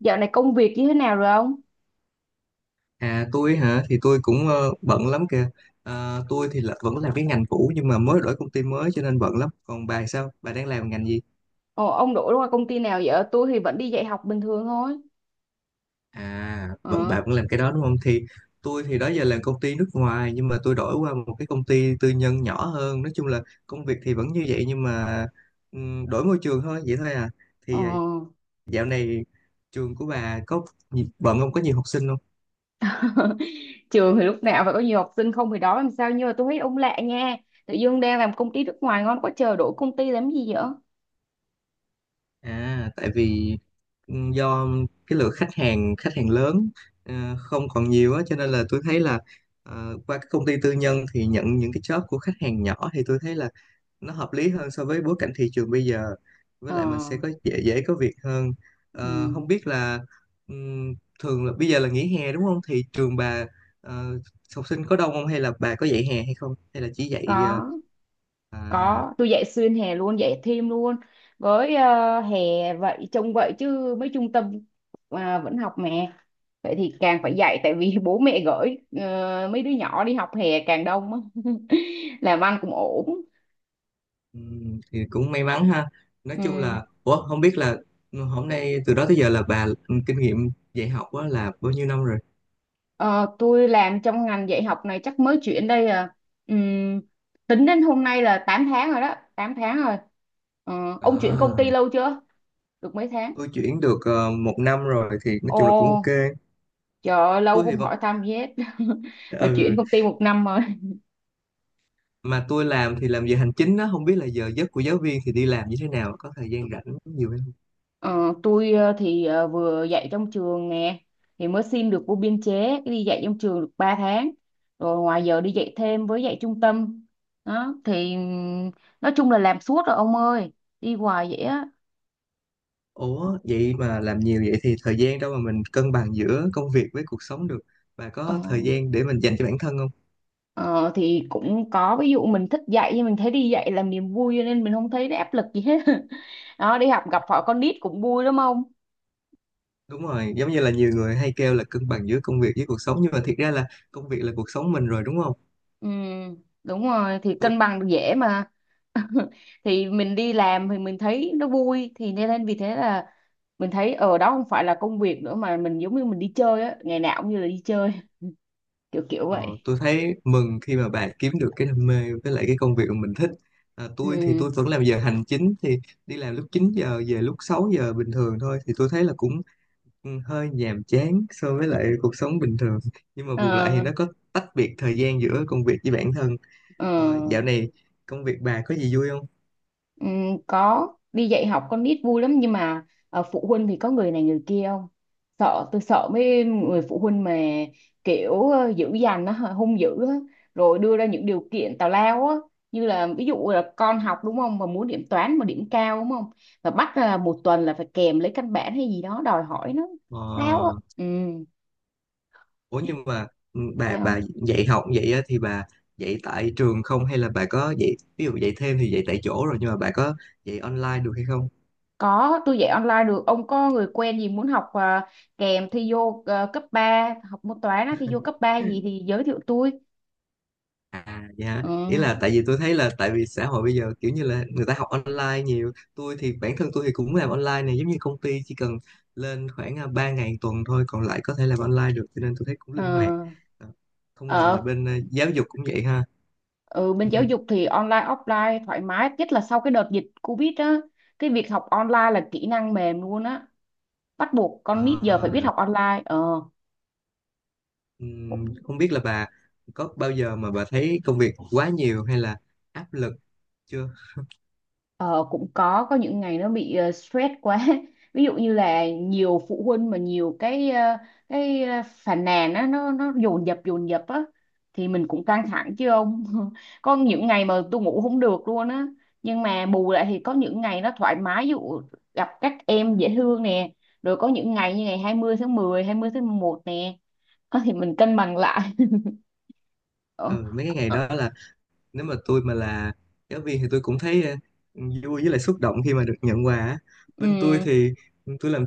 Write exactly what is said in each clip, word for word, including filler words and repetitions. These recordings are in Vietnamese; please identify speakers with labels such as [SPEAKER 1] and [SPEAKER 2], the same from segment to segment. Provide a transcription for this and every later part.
[SPEAKER 1] Dạo này công việc như thế nào rồi ông?
[SPEAKER 2] À tôi hả? Thì tôi cũng ờ, bận lắm kìa. Ờ, tôi thì là vẫn làm cái ngành cũ, nhưng mà mới đổi công ty mới cho nên bận lắm. Còn bà thì sao, bà đang làm ngành gì?
[SPEAKER 1] Ồ, ông đổi qua công ty nào vậy? Tôi thì vẫn đi dạy học bình thường thôi.
[SPEAKER 2] À, vẫn,
[SPEAKER 1] Ờ,
[SPEAKER 2] bà vẫn làm cái đó đúng không? Thì tôi thì đó giờ làm công ty nước ngoài, nhưng mà tôi đổi qua một cái công ty tư nhân nhỏ hơn. Nói chung là công việc thì vẫn như vậy, nhưng mà ừm, đổi môi trường thôi, vậy thôi à.
[SPEAKER 1] ờ.
[SPEAKER 2] Thì ờ, dạo này trường của bà có gì- bận không, có nhiều học sinh không?
[SPEAKER 1] Trường thì lúc nào phải có nhiều học sinh không thì đó làm sao, nhưng mà tôi thấy ông lạ nha. Tự dưng đang làm công ty nước ngoài ngon quá trời đổi công ty làm gì vậy?
[SPEAKER 2] À, tại vì ừ, do cái lượng khách hàng khách hàng lớn ờ, không còn nhiều á, cho nên là tôi thấy là ờ, qua các công ty tư nhân thì nhận những cái job của khách hàng nhỏ, thì tôi thấy là nó hợp lý hơn so với bối cảnh thị trường bây giờ. Với
[SPEAKER 1] Ờ,
[SPEAKER 2] lại mình sẽ có dễ dễ có việc hơn. Ờ, không
[SPEAKER 1] ừ.
[SPEAKER 2] biết là ừm, thường là bây giờ là nghỉ hè đúng không? Thì trường bà ờ, học sinh có đông không, hay là bà có dạy hè hay không? Hay là chỉ dạy ờ,
[SPEAKER 1] Có,
[SPEAKER 2] à.
[SPEAKER 1] có. Tôi dạy xuyên hè luôn, dạy thêm luôn. Với ờ, hè vậy, trông vậy chứ mấy trung tâm à, vẫn học mà. Vậy thì càng phải dạy tại vì bố mẹ gửi ờ, mấy đứa nhỏ đi học hè càng đông á. Làm ăn cũng ổn.
[SPEAKER 2] Ừ, thì cũng may mắn ha. Nói chung
[SPEAKER 1] Ừm,
[SPEAKER 2] là, ủa không biết là hôm nay từ đó tới giờ là bà, ừ, kinh nghiệm dạy học á là bao nhiêu năm rồi?
[SPEAKER 1] ờ, tôi làm trong ngành dạy học này chắc mới chuyển đây à. Ừm, tính đến hôm nay là tám tháng rồi đó, tám tháng rồi. Ờ, ông chuyển công ty
[SPEAKER 2] À,
[SPEAKER 1] lâu chưa, được mấy tháng?
[SPEAKER 2] tôi chuyển được ờ, một năm rồi, thì nói
[SPEAKER 1] Ồ,
[SPEAKER 2] chung là cũng ok.
[SPEAKER 1] trời ơi, lâu
[SPEAKER 2] Tôi thì
[SPEAKER 1] không
[SPEAKER 2] vẫn,
[SPEAKER 1] hỏi thăm gì hết. Mà chuyển
[SPEAKER 2] ừ,
[SPEAKER 1] công ty một năm rồi.
[SPEAKER 2] mà tôi làm thì làm giờ hành chính á, không biết là giờ giấc của giáo viên thì đi làm như thế nào, có thời gian rảnh nhiều hay không?
[SPEAKER 1] Ờ, tôi ờ, thì ờ, vừa dạy trong trường nè, thì mới xin được vô biên chế đi dạy trong trường được ba tháng, rồi ngoài giờ đi dạy thêm với dạy trung tâm đó thì ừm, nói chung là làm suốt rồi ông ơi, đi hoài vậy á.
[SPEAKER 2] Ủa vậy mà làm nhiều vậy thì thời gian đâu mà mình cân bằng giữa công việc với cuộc sống được? Bà
[SPEAKER 1] ờ,
[SPEAKER 2] có thời gian để mình dành cho bản thân không?
[SPEAKER 1] ờ, thì cũng có, ví dụ mình thích dạy, nhưng mình thấy đi dạy làm niềm vui cho nên mình không thấy nó áp lực gì hết. Đó, đi học gặp họ con nít cũng vui lắm không.
[SPEAKER 2] Đúng rồi, giống như là nhiều người hay kêu là cân bằng giữa công việc với cuộc sống, nhưng mà thiệt ra là công việc là cuộc sống mình rồi đúng không?
[SPEAKER 1] Ừ, đúng rồi, thì
[SPEAKER 2] Tôi,
[SPEAKER 1] cân bằng dễ mà. Thì mình đi làm thì mình thấy nó vui, thì nên nên vì thế là mình thấy ở đó không phải là công việc nữa, mà mình giống như mình đi chơi á, ngày nào cũng như là đi chơi. kiểu kiểu
[SPEAKER 2] ờ,
[SPEAKER 1] vậy.
[SPEAKER 2] tôi thấy mừng khi mà bạn kiếm được cái đam mê với lại cái công việc mà mình thích. À, tôi thì
[SPEAKER 1] Ừ.
[SPEAKER 2] tôi vẫn làm giờ hành chính, thì đi làm lúc chín giờ, về lúc sáu giờ bình thường thôi, thì tôi thấy là cũng ừ, hơi nhàm chán so với lại cuộc sống bình thường. Nhưng mà bù lại thì
[SPEAKER 1] Ờ.
[SPEAKER 2] nó có tách biệt thời gian giữa công việc với bản thân.
[SPEAKER 1] Ờ.
[SPEAKER 2] Ờ, dạo này công việc bà có gì vui không?
[SPEAKER 1] Ừ, có, đi dạy học con nít vui lắm, nhưng mà ờ, phụ huynh thì có người này người kia không. Sợ, tôi sợ mấy người phụ huynh mà kiểu ờ, dữ dằn á, hung dữ á, rồi đưa ra những điều kiện tào lao á, như là ví dụ là con học đúng không, mà muốn điểm toán mà điểm cao đúng không, và bắt là một tuần là phải kèm lấy căn bản hay gì đó, đòi hỏi nó
[SPEAKER 2] Ờ.
[SPEAKER 1] lao á. Ừ.
[SPEAKER 2] Ủa nhưng mà ừ, bà
[SPEAKER 1] Dạ.
[SPEAKER 2] bà dạy học vậy á, thì bà dạy tại trường không hay là bà có dạy, ví dụ dạy thêm thì dạy tại chỗ rồi, nhưng mà bà có dạy online được hay không?
[SPEAKER 1] Có, tôi dạy online được. Ông có người quen gì muốn học à, kèm thi vô à, cấp ba học môn toán á, thi vô cấp ba gì thì giới thiệu tôi.
[SPEAKER 2] À dạ,
[SPEAKER 1] Ừ.
[SPEAKER 2] ý là tại vì tôi thấy là tại vì xã hội bây giờ kiểu như là người ta học online nhiều, tôi thì bản thân tôi thì cũng làm online này, giống như công ty chỉ cần lên khoảng à, ba ngày một tuần thôi, còn lại có thể làm online được, cho nên tôi thấy cũng
[SPEAKER 1] Ờ.
[SPEAKER 2] linh hoạt. Ờ, không ngờ là
[SPEAKER 1] Ờ.
[SPEAKER 2] bên ờ, giáo dục cũng vậy ha.
[SPEAKER 1] ừ, Bên giáo dục thì online, offline thoải mái. Nhất là sau cái đợt dịch Covid á, cái việc học online là kỹ năng mềm luôn á. Bắt buộc con nít giờ phải biết
[SPEAKER 2] Ờ.
[SPEAKER 1] học online. Ờ.
[SPEAKER 2] Ừm, không biết là bà có bao giờ mà bà thấy công việc quá nhiều hay là áp lực chưa?
[SPEAKER 1] Ờ, cũng có có những ngày nó bị ờ, stress quá. Ví dụ như là nhiều phụ huynh mà nhiều cái ờ, cái ờ, phàn nàn á, nó nó dồn dập dồn dập á, thì mình cũng căng thẳng chứ ông. Có những ngày mà tôi ngủ không được luôn á, nhưng mà bù lại thì có những ngày nó thoải mái, ví dụ gặp các em dễ thương nè, rồi có những ngày như ngày hai mươi tháng mười, hai mươi tháng mười một nè. Ờ, thì mình cân bằng lại. Ờ.
[SPEAKER 2] Ừ, mấy cái ngày
[SPEAKER 1] Ờ.
[SPEAKER 2] đó là nếu mà tôi mà là giáo viên thì tôi cũng thấy ờ, vui với lại xúc động khi mà được nhận quà á. Bên tôi
[SPEAKER 1] Ừ.
[SPEAKER 2] thì tôi làm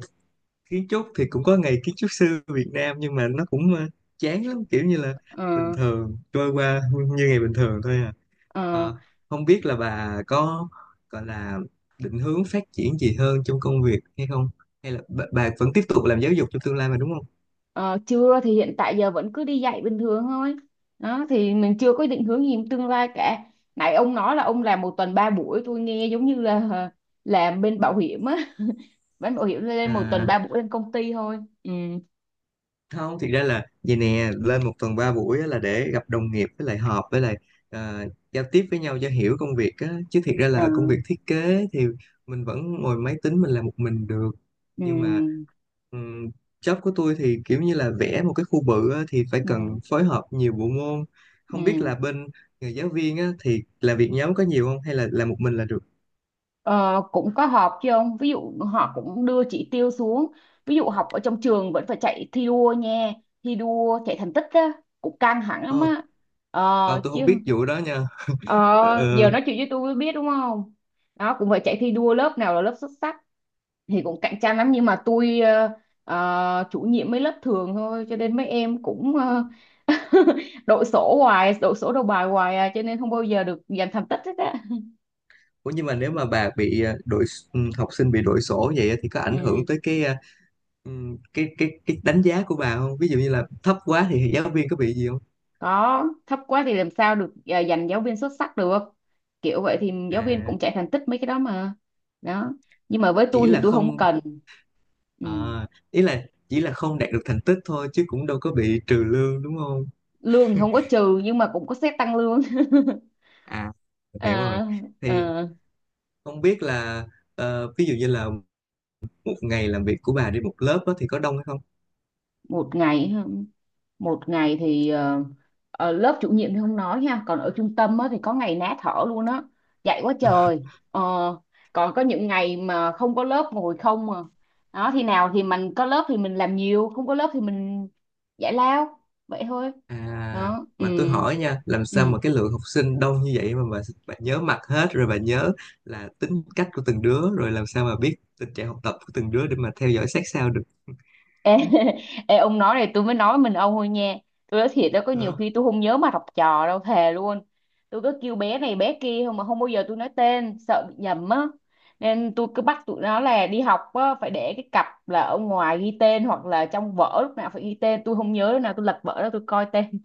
[SPEAKER 2] kiến trúc, thì cũng có ngày kiến trúc sư Việt Nam, nhưng mà nó cũng ờ, chán lắm, kiểu như là
[SPEAKER 1] Ờ.
[SPEAKER 2] bình thường, trôi qua như ngày bình thường thôi à.
[SPEAKER 1] Ờ.
[SPEAKER 2] Ờ, không biết là bà có gọi là định hướng phát triển gì hơn trong công việc hay không? Hay là bà, bà vẫn tiếp tục làm giáo dục trong tương lai mà đúng không?
[SPEAKER 1] Ờ, chưa, thì hiện tại giờ vẫn cứ đi dạy bình thường thôi đó, thì mình chưa có định hướng gì trong tương lai cả. Nãy ông nói là ông làm một tuần ba buổi, tôi nghe giống như là ờ, làm bên bảo hiểm á. Bên bảo hiểm lên một tuần
[SPEAKER 2] À,
[SPEAKER 1] ba buổi lên công ty thôi. Ừ.
[SPEAKER 2] không, thực ra là vậy nè, lên một tuần ba buổi á là để gặp đồng nghiệp với lại họp, với lại ờ, giao tiếp với nhau cho hiểu công việc á, chứ thiệt ra
[SPEAKER 1] Ờ.
[SPEAKER 2] là công việc thiết kế thì mình vẫn ngồi máy tính mình làm một mình được.
[SPEAKER 1] Ừ.
[SPEAKER 2] Nhưng mà ừm, job của tôi thì kiểu như là vẽ một cái khu bự á, thì phải
[SPEAKER 1] Ừ.
[SPEAKER 2] cần phối hợp nhiều bộ môn. Không biết
[SPEAKER 1] Ừ.
[SPEAKER 2] là bên người giáo viên á, thì làm việc nhóm có nhiều không hay là làm một mình là được?
[SPEAKER 1] Ờ, cũng có họp chứ ông, ví dụ họ cũng đưa chỉ tiêu xuống, ví dụ học ở trong trường vẫn phải chạy thi đua nha, thi đua chạy thành tích á, cũng căng thẳng lắm
[SPEAKER 2] Ồ,
[SPEAKER 1] á. Ờ
[SPEAKER 2] ờ, tôi không
[SPEAKER 1] chứ.
[SPEAKER 2] biết vụ đó nha.
[SPEAKER 1] ờ,
[SPEAKER 2] Ờ,
[SPEAKER 1] Giờ
[SPEAKER 2] ờ.
[SPEAKER 1] nói chuyện với tôi mới biết đúng không. Đó, cũng phải chạy thi đua lớp nào là lớp xuất sắc, thì cũng cạnh tranh lắm, nhưng mà tôi ờ, ờ, chủ nhiệm mấy lớp thường thôi cho nên mấy em cũng ờ, đội sổ hoài, đội sổ đầu bài hoài à, cho nên không bao giờ được giành thành tích hết á.
[SPEAKER 2] Ủa nhưng mà nếu mà bà bị ờ, đội s- ừ, học sinh bị đội sổ vậy á, thì có ảnh
[SPEAKER 1] Ừ.
[SPEAKER 2] hưởng tới cái ờ, ừ, cái cái cái đánh giá của bà không? Ví dụ như là thấp quá thì giáo viên có bị gì không?
[SPEAKER 1] Có, thấp quá thì làm sao được à, giành giáo viên xuất sắc được, kiểu vậy thì giáo viên
[SPEAKER 2] À,
[SPEAKER 1] cũng chạy thành tích mấy cái đó mà. Đó, nhưng mà với
[SPEAKER 2] chỉ
[SPEAKER 1] tôi thì
[SPEAKER 2] là
[SPEAKER 1] tôi không
[SPEAKER 2] không,
[SPEAKER 1] cần. Ừ.
[SPEAKER 2] à, ý là chỉ là không đạt được thành tích thôi chứ cũng đâu có bị trừ lương đúng không?
[SPEAKER 1] Lương thì không có trừ, nhưng mà cũng có xét tăng lương.
[SPEAKER 2] À, mình hiểu rồi.
[SPEAKER 1] À.
[SPEAKER 2] Thì
[SPEAKER 1] À,
[SPEAKER 2] không biết là ờ, ví dụ như là một ngày làm việc của bà đi một lớp á, thì có đông hay không?
[SPEAKER 1] một ngày, một ngày thì ờ, ở lớp chủ nhiệm thì không nói nha, còn ở trung tâm á, thì có ngày ná thở luôn á, dạy quá trời. Ờ, còn có những ngày mà không có lớp ngồi không mà. Đó thì nào thì mình có lớp thì mình làm nhiều, không có lớp thì mình giải lao, vậy thôi.
[SPEAKER 2] À,
[SPEAKER 1] Đó. Ừ.
[SPEAKER 2] mà tôi hỏi nha, làm
[SPEAKER 1] Ừ.
[SPEAKER 2] sao mà cái lượng học sinh đông như vậy mà bà, bà nhớ mặt hết rồi, bà nhớ là tính cách của từng đứa, rồi làm sao mà biết tình trạng học tập của từng đứa để mà theo dõi sát sao
[SPEAKER 1] Ê. Ê, ông nói này tôi mới nói mình ông thôi nha, tôi nói thiệt đó, có nhiều khi
[SPEAKER 2] được.
[SPEAKER 1] tôi không nhớ mặt học trò đâu, thề luôn. Tôi cứ kêu bé này bé kia thôi mà không bao giờ tôi nói tên, sợ bị nhầm á. Nên tôi cứ bắt tụi nó là đi học á, phải để cái cặp là ở ngoài ghi tên, hoặc là trong vở lúc nào phải ghi tên, tôi không nhớ, lúc nào tôi lật vở đó tôi coi tên.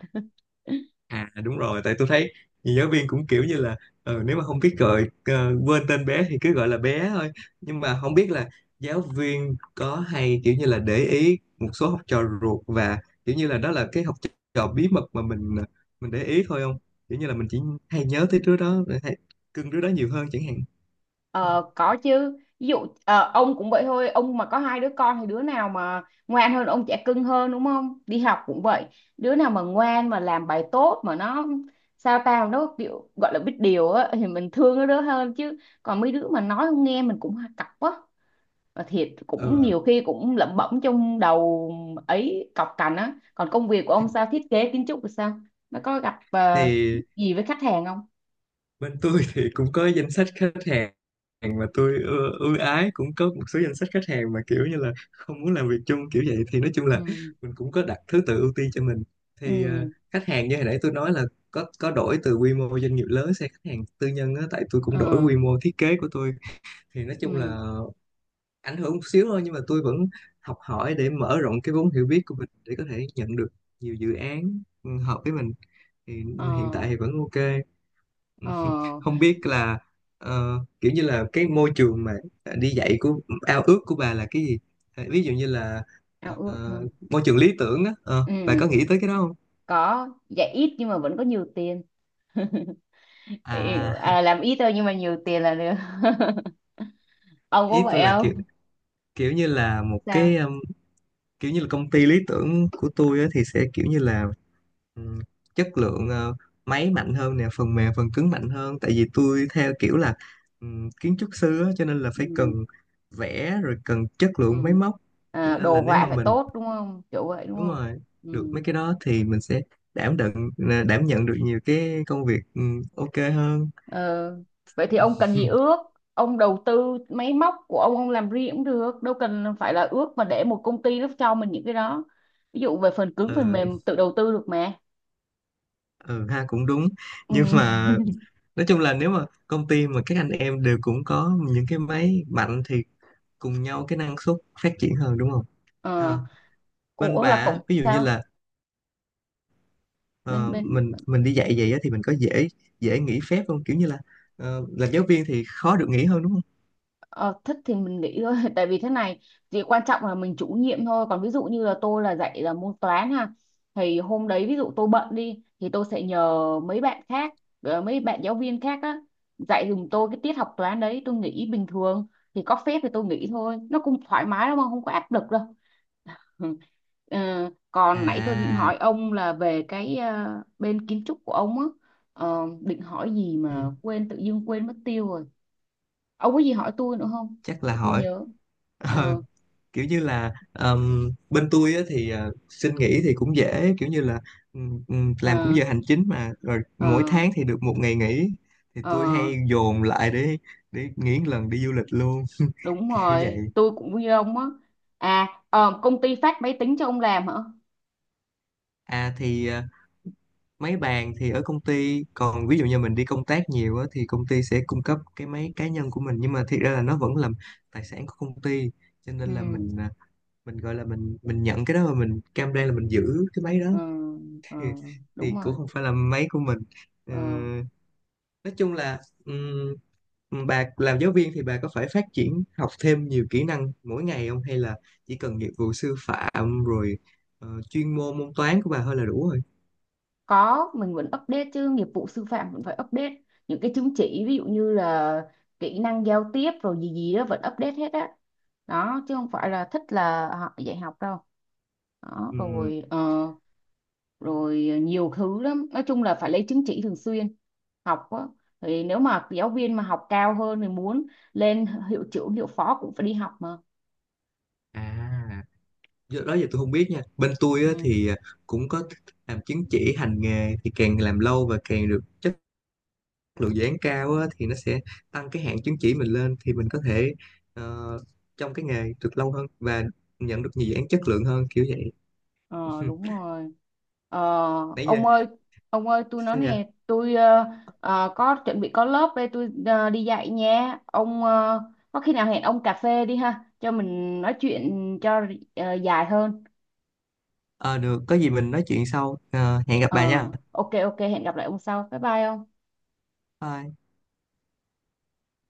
[SPEAKER 2] À đúng rồi, tại tôi thấy nhiều giáo viên cũng kiểu như là ờ, nếu mà không biết gọi, ờ, quên tên bé thì cứ gọi là bé thôi. Nhưng mà không biết là giáo viên có hay kiểu như là để ý một số học trò ruột, và kiểu như là đó là cái học trò bí mật mà mình ờ, mình để ý thôi không? Kiểu như là mình chỉ hay nhớ tới đứa đó, hay cưng đứa đó nhiều hơn chẳng hạn.
[SPEAKER 1] Ờ, có chứ, ví dụ ờ, ông cũng vậy thôi, ông mà có hai đứa con thì đứa nào mà ngoan hơn ông trẻ cưng hơn đúng không, đi học cũng vậy, đứa nào mà ngoan mà làm bài tốt mà nó sao tao nó kiểu gọi là biết điều á thì mình thương nó đứa hơn chứ, còn mấy đứa mà nói không nghe mình cũng cọc á, mà thiệt cũng
[SPEAKER 2] Ờ
[SPEAKER 1] nhiều khi cũng lẩm bẩm trong đầu ấy, cọc cành á. Còn công việc của ông sao, thiết kế kiến trúc thì sao, nó có gặp ờ,
[SPEAKER 2] thì
[SPEAKER 1] gì với khách hàng không?
[SPEAKER 2] bên tôi thì cũng có danh sách khách hàng mà tôi ưa, ưa ái. Cũng có một số danh sách khách hàng mà kiểu như là không muốn làm việc chung kiểu vậy, thì nói chung
[SPEAKER 1] Ừ.
[SPEAKER 2] là mình cũng có đặt thứ tự ưu tiên cho mình. Thì ờ,
[SPEAKER 1] Ừ.
[SPEAKER 2] khách hàng như hồi nãy tôi nói là có có đổi từ quy mô doanh nghiệp lớn sang khách hàng tư nhân á, tại tôi cũng đổi
[SPEAKER 1] Ừ.
[SPEAKER 2] quy mô thiết kế của tôi, thì nói chung
[SPEAKER 1] Ừ.
[SPEAKER 2] là ảnh hưởng một xíu thôi, nhưng mà tôi vẫn học hỏi để mở rộng cái vốn hiểu biết của mình để có thể nhận được nhiều dự án ừ, hợp với mình. Thì
[SPEAKER 1] Ờ.
[SPEAKER 2] hiện tại thì vẫn ok.
[SPEAKER 1] Ờ,
[SPEAKER 2] Không biết là ờ, kiểu như là cái môi trường mà đi dạy của, ao ước của bà là cái gì? À, ví dụ như là ờ,
[SPEAKER 1] ao ước hơn.
[SPEAKER 2] môi trường lý tưởng á, ờ, bà
[SPEAKER 1] Ừ,
[SPEAKER 2] có nghĩ tới cái đó không?
[SPEAKER 1] có, dạ ít nhưng mà vẫn có nhiều tiền. Ý-
[SPEAKER 2] À.
[SPEAKER 1] à, làm ít thôi nhưng mà nhiều tiền là được. Ông có
[SPEAKER 2] Ý
[SPEAKER 1] vậy
[SPEAKER 2] tôi là kiểu,
[SPEAKER 1] không?
[SPEAKER 2] kiểu như là một
[SPEAKER 1] Sao?
[SPEAKER 2] cái um, kiểu như là công ty lý tưởng của tôi á, thì sẽ kiểu như là um, chất lượng, ờ, máy mạnh hơn nè, phần mềm phần cứng mạnh hơn, tại vì tôi theo kiểu là um, kiến trúc sư á, cho nên là phải cần
[SPEAKER 1] Ừ.
[SPEAKER 2] vẽ, rồi cần chất lượng máy
[SPEAKER 1] Ừ.
[SPEAKER 2] móc, cho
[SPEAKER 1] À,
[SPEAKER 2] nên là
[SPEAKER 1] đồ
[SPEAKER 2] nếu
[SPEAKER 1] họa
[SPEAKER 2] mà
[SPEAKER 1] phải
[SPEAKER 2] mình,
[SPEAKER 1] tốt đúng không? Kiểu vậy đúng
[SPEAKER 2] đúng
[SPEAKER 1] không?
[SPEAKER 2] rồi,
[SPEAKER 1] Ừ.
[SPEAKER 2] được mấy cái đó thì mình sẽ đảm đựng, đảm nhận được nhiều cái công việc, ừ, ok hơn.
[SPEAKER 1] Ờ, vậy thì ông cần gì ước? Ông đầu tư máy móc của ông ông làm riêng cũng được, đâu cần phải là ước mà để một công ty nó cho mình những cái đó. Ví dụ về phần cứng phần
[SPEAKER 2] ừ,
[SPEAKER 1] mềm tự đầu tư được mà.
[SPEAKER 2] ừ ha, cũng đúng.
[SPEAKER 1] Ừ.
[SPEAKER 2] Nhưng mà nói chung là nếu mà công ty mà các anh em đều cũng có những cái máy mạnh thì cùng nhau cái năng suất phát triển hơn đúng không? À,
[SPEAKER 1] Ờ,
[SPEAKER 2] bên
[SPEAKER 1] ủa
[SPEAKER 2] bà
[SPEAKER 1] là
[SPEAKER 2] á,
[SPEAKER 1] cũng
[SPEAKER 2] ví dụ như
[SPEAKER 1] sao?
[SPEAKER 2] là
[SPEAKER 1] Bên
[SPEAKER 2] ờ,
[SPEAKER 1] bên
[SPEAKER 2] mình mình đi dạy vậy á, thì mình có dễ dễ nghỉ phép không, kiểu như là ờ, làm giáo viên thì khó được nghỉ hơn đúng không?
[SPEAKER 1] ờ, thích thì mình nghĩ thôi. Tại vì thế này thì quan trọng là mình chủ nhiệm thôi, còn ví dụ như là tôi là dạy là môn toán ha, thì hôm đấy ví dụ tôi bận đi thì tôi sẽ nhờ mấy bạn khác, ờ, mấy bạn giáo viên khác á, dạy dùm tôi cái tiết học toán đấy, tôi nghỉ bình thường, thì có phép thì tôi nghỉ thôi, nó cũng thoải mái lắm mà không có áp lực đâu. Ừ. Ờ, còn nãy tôi định
[SPEAKER 2] À,
[SPEAKER 1] hỏi ông là về cái ờ, bên kiến trúc của ông á. Ờ, định hỏi gì
[SPEAKER 2] ừ,
[SPEAKER 1] mà quên, tự dưng quên mất tiêu rồi. Ông có gì hỏi tôi nữa không,
[SPEAKER 2] chắc là
[SPEAKER 1] để tôi
[SPEAKER 2] hỏi.
[SPEAKER 1] nhớ. Ờ.
[SPEAKER 2] Kiểu như là ờm, bên tôi á, thì ờ, xin nghỉ thì cũng dễ, kiểu như là ừm, ừm, làm cũng
[SPEAKER 1] Ờ.
[SPEAKER 2] giờ hành chính mà, rồi
[SPEAKER 1] Ờ.
[SPEAKER 2] mỗi tháng thì được một ngày nghỉ, thì
[SPEAKER 1] Ờ.
[SPEAKER 2] tôi hay dồn lại để để nghỉ một lần đi du lịch luôn.
[SPEAKER 1] Đúng
[SPEAKER 2] Kiểu vậy.
[SPEAKER 1] rồi, tôi cũng như ông á. À ờ, công ty phát máy tính cho ông làm hả?
[SPEAKER 2] À thì ờ, máy bàn thì ở công ty, còn ví dụ như mình đi công tác nhiều á, thì công ty sẽ cung cấp cái máy cá nhân của mình, nhưng mà thiệt ra là nó vẫn là tài sản của công ty, cho
[SPEAKER 1] Ừ.
[SPEAKER 2] nên là mình, à, mình gọi là mình, mình nhận cái đó và mình cam đoan là mình giữ cái máy đó,
[SPEAKER 1] Ờ. Ờ, đúng
[SPEAKER 2] thì cũng
[SPEAKER 1] rồi.
[SPEAKER 2] không phải là máy của mình. Ờ,
[SPEAKER 1] Ờ.
[SPEAKER 2] nói chung là, ừm, bà làm giáo viên thì bà có phải phát triển học thêm nhiều kỹ năng mỗi ngày không, hay là chỉ cần nghiệp vụ sư phạm rồi ờ, chuyên môn môn toán của bà thôi là đủ rồi?
[SPEAKER 1] Có, mình vẫn update chứ, nghiệp vụ sư phạm vẫn phải update những cái chứng chỉ, ví dụ như là kỹ năng giao tiếp rồi gì gì đó vẫn update hết á. Đó, chứ không phải là thích là họ dạy học đâu. Đó
[SPEAKER 2] Ừm,
[SPEAKER 1] rồi ờ, rồi ờ, nhiều thứ lắm, nói chung là phải lấy chứng chỉ thường xuyên, học á. Thì nếu mà giáo viên mà học cao hơn thì muốn lên hiệu trưởng hiệu phó cũng phải đi học mà.
[SPEAKER 2] à do đó giờ tôi không biết nha, bên tôi á,
[SPEAKER 1] Ừ.
[SPEAKER 2] thì cũng có làm chứng chỉ hành nghề, thì càng làm lâu và càng được lượng dự án cao á, thì nó sẽ tăng cái hạn chứng chỉ mình lên, thì mình có thể ờ, trong cái nghề được lâu hơn và nhận được nhiều dự án chất lượng hơn kiểu vậy.
[SPEAKER 1] ờ, Đúng rồi. Ờ,
[SPEAKER 2] Nãy giờ,
[SPEAKER 1] ông ơi, ông ơi tôi nói
[SPEAKER 2] sao vậy?
[SPEAKER 1] nè, tôi ờ, ờ, có chuẩn bị có lớp đây, tôi ờ, đi dạy nha ông, ờ, có khi nào hẹn ông cà phê đi ha cho mình nói chuyện cho ờ, dài hơn.
[SPEAKER 2] Ờ, được, có gì mình nói chuyện sau. Ờ, hẹn gặp bà
[SPEAKER 1] Ờ,
[SPEAKER 2] nha.
[SPEAKER 1] ok ok hẹn gặp lại ông sau, bye bye ông.
[SPEAKER 2] Bye.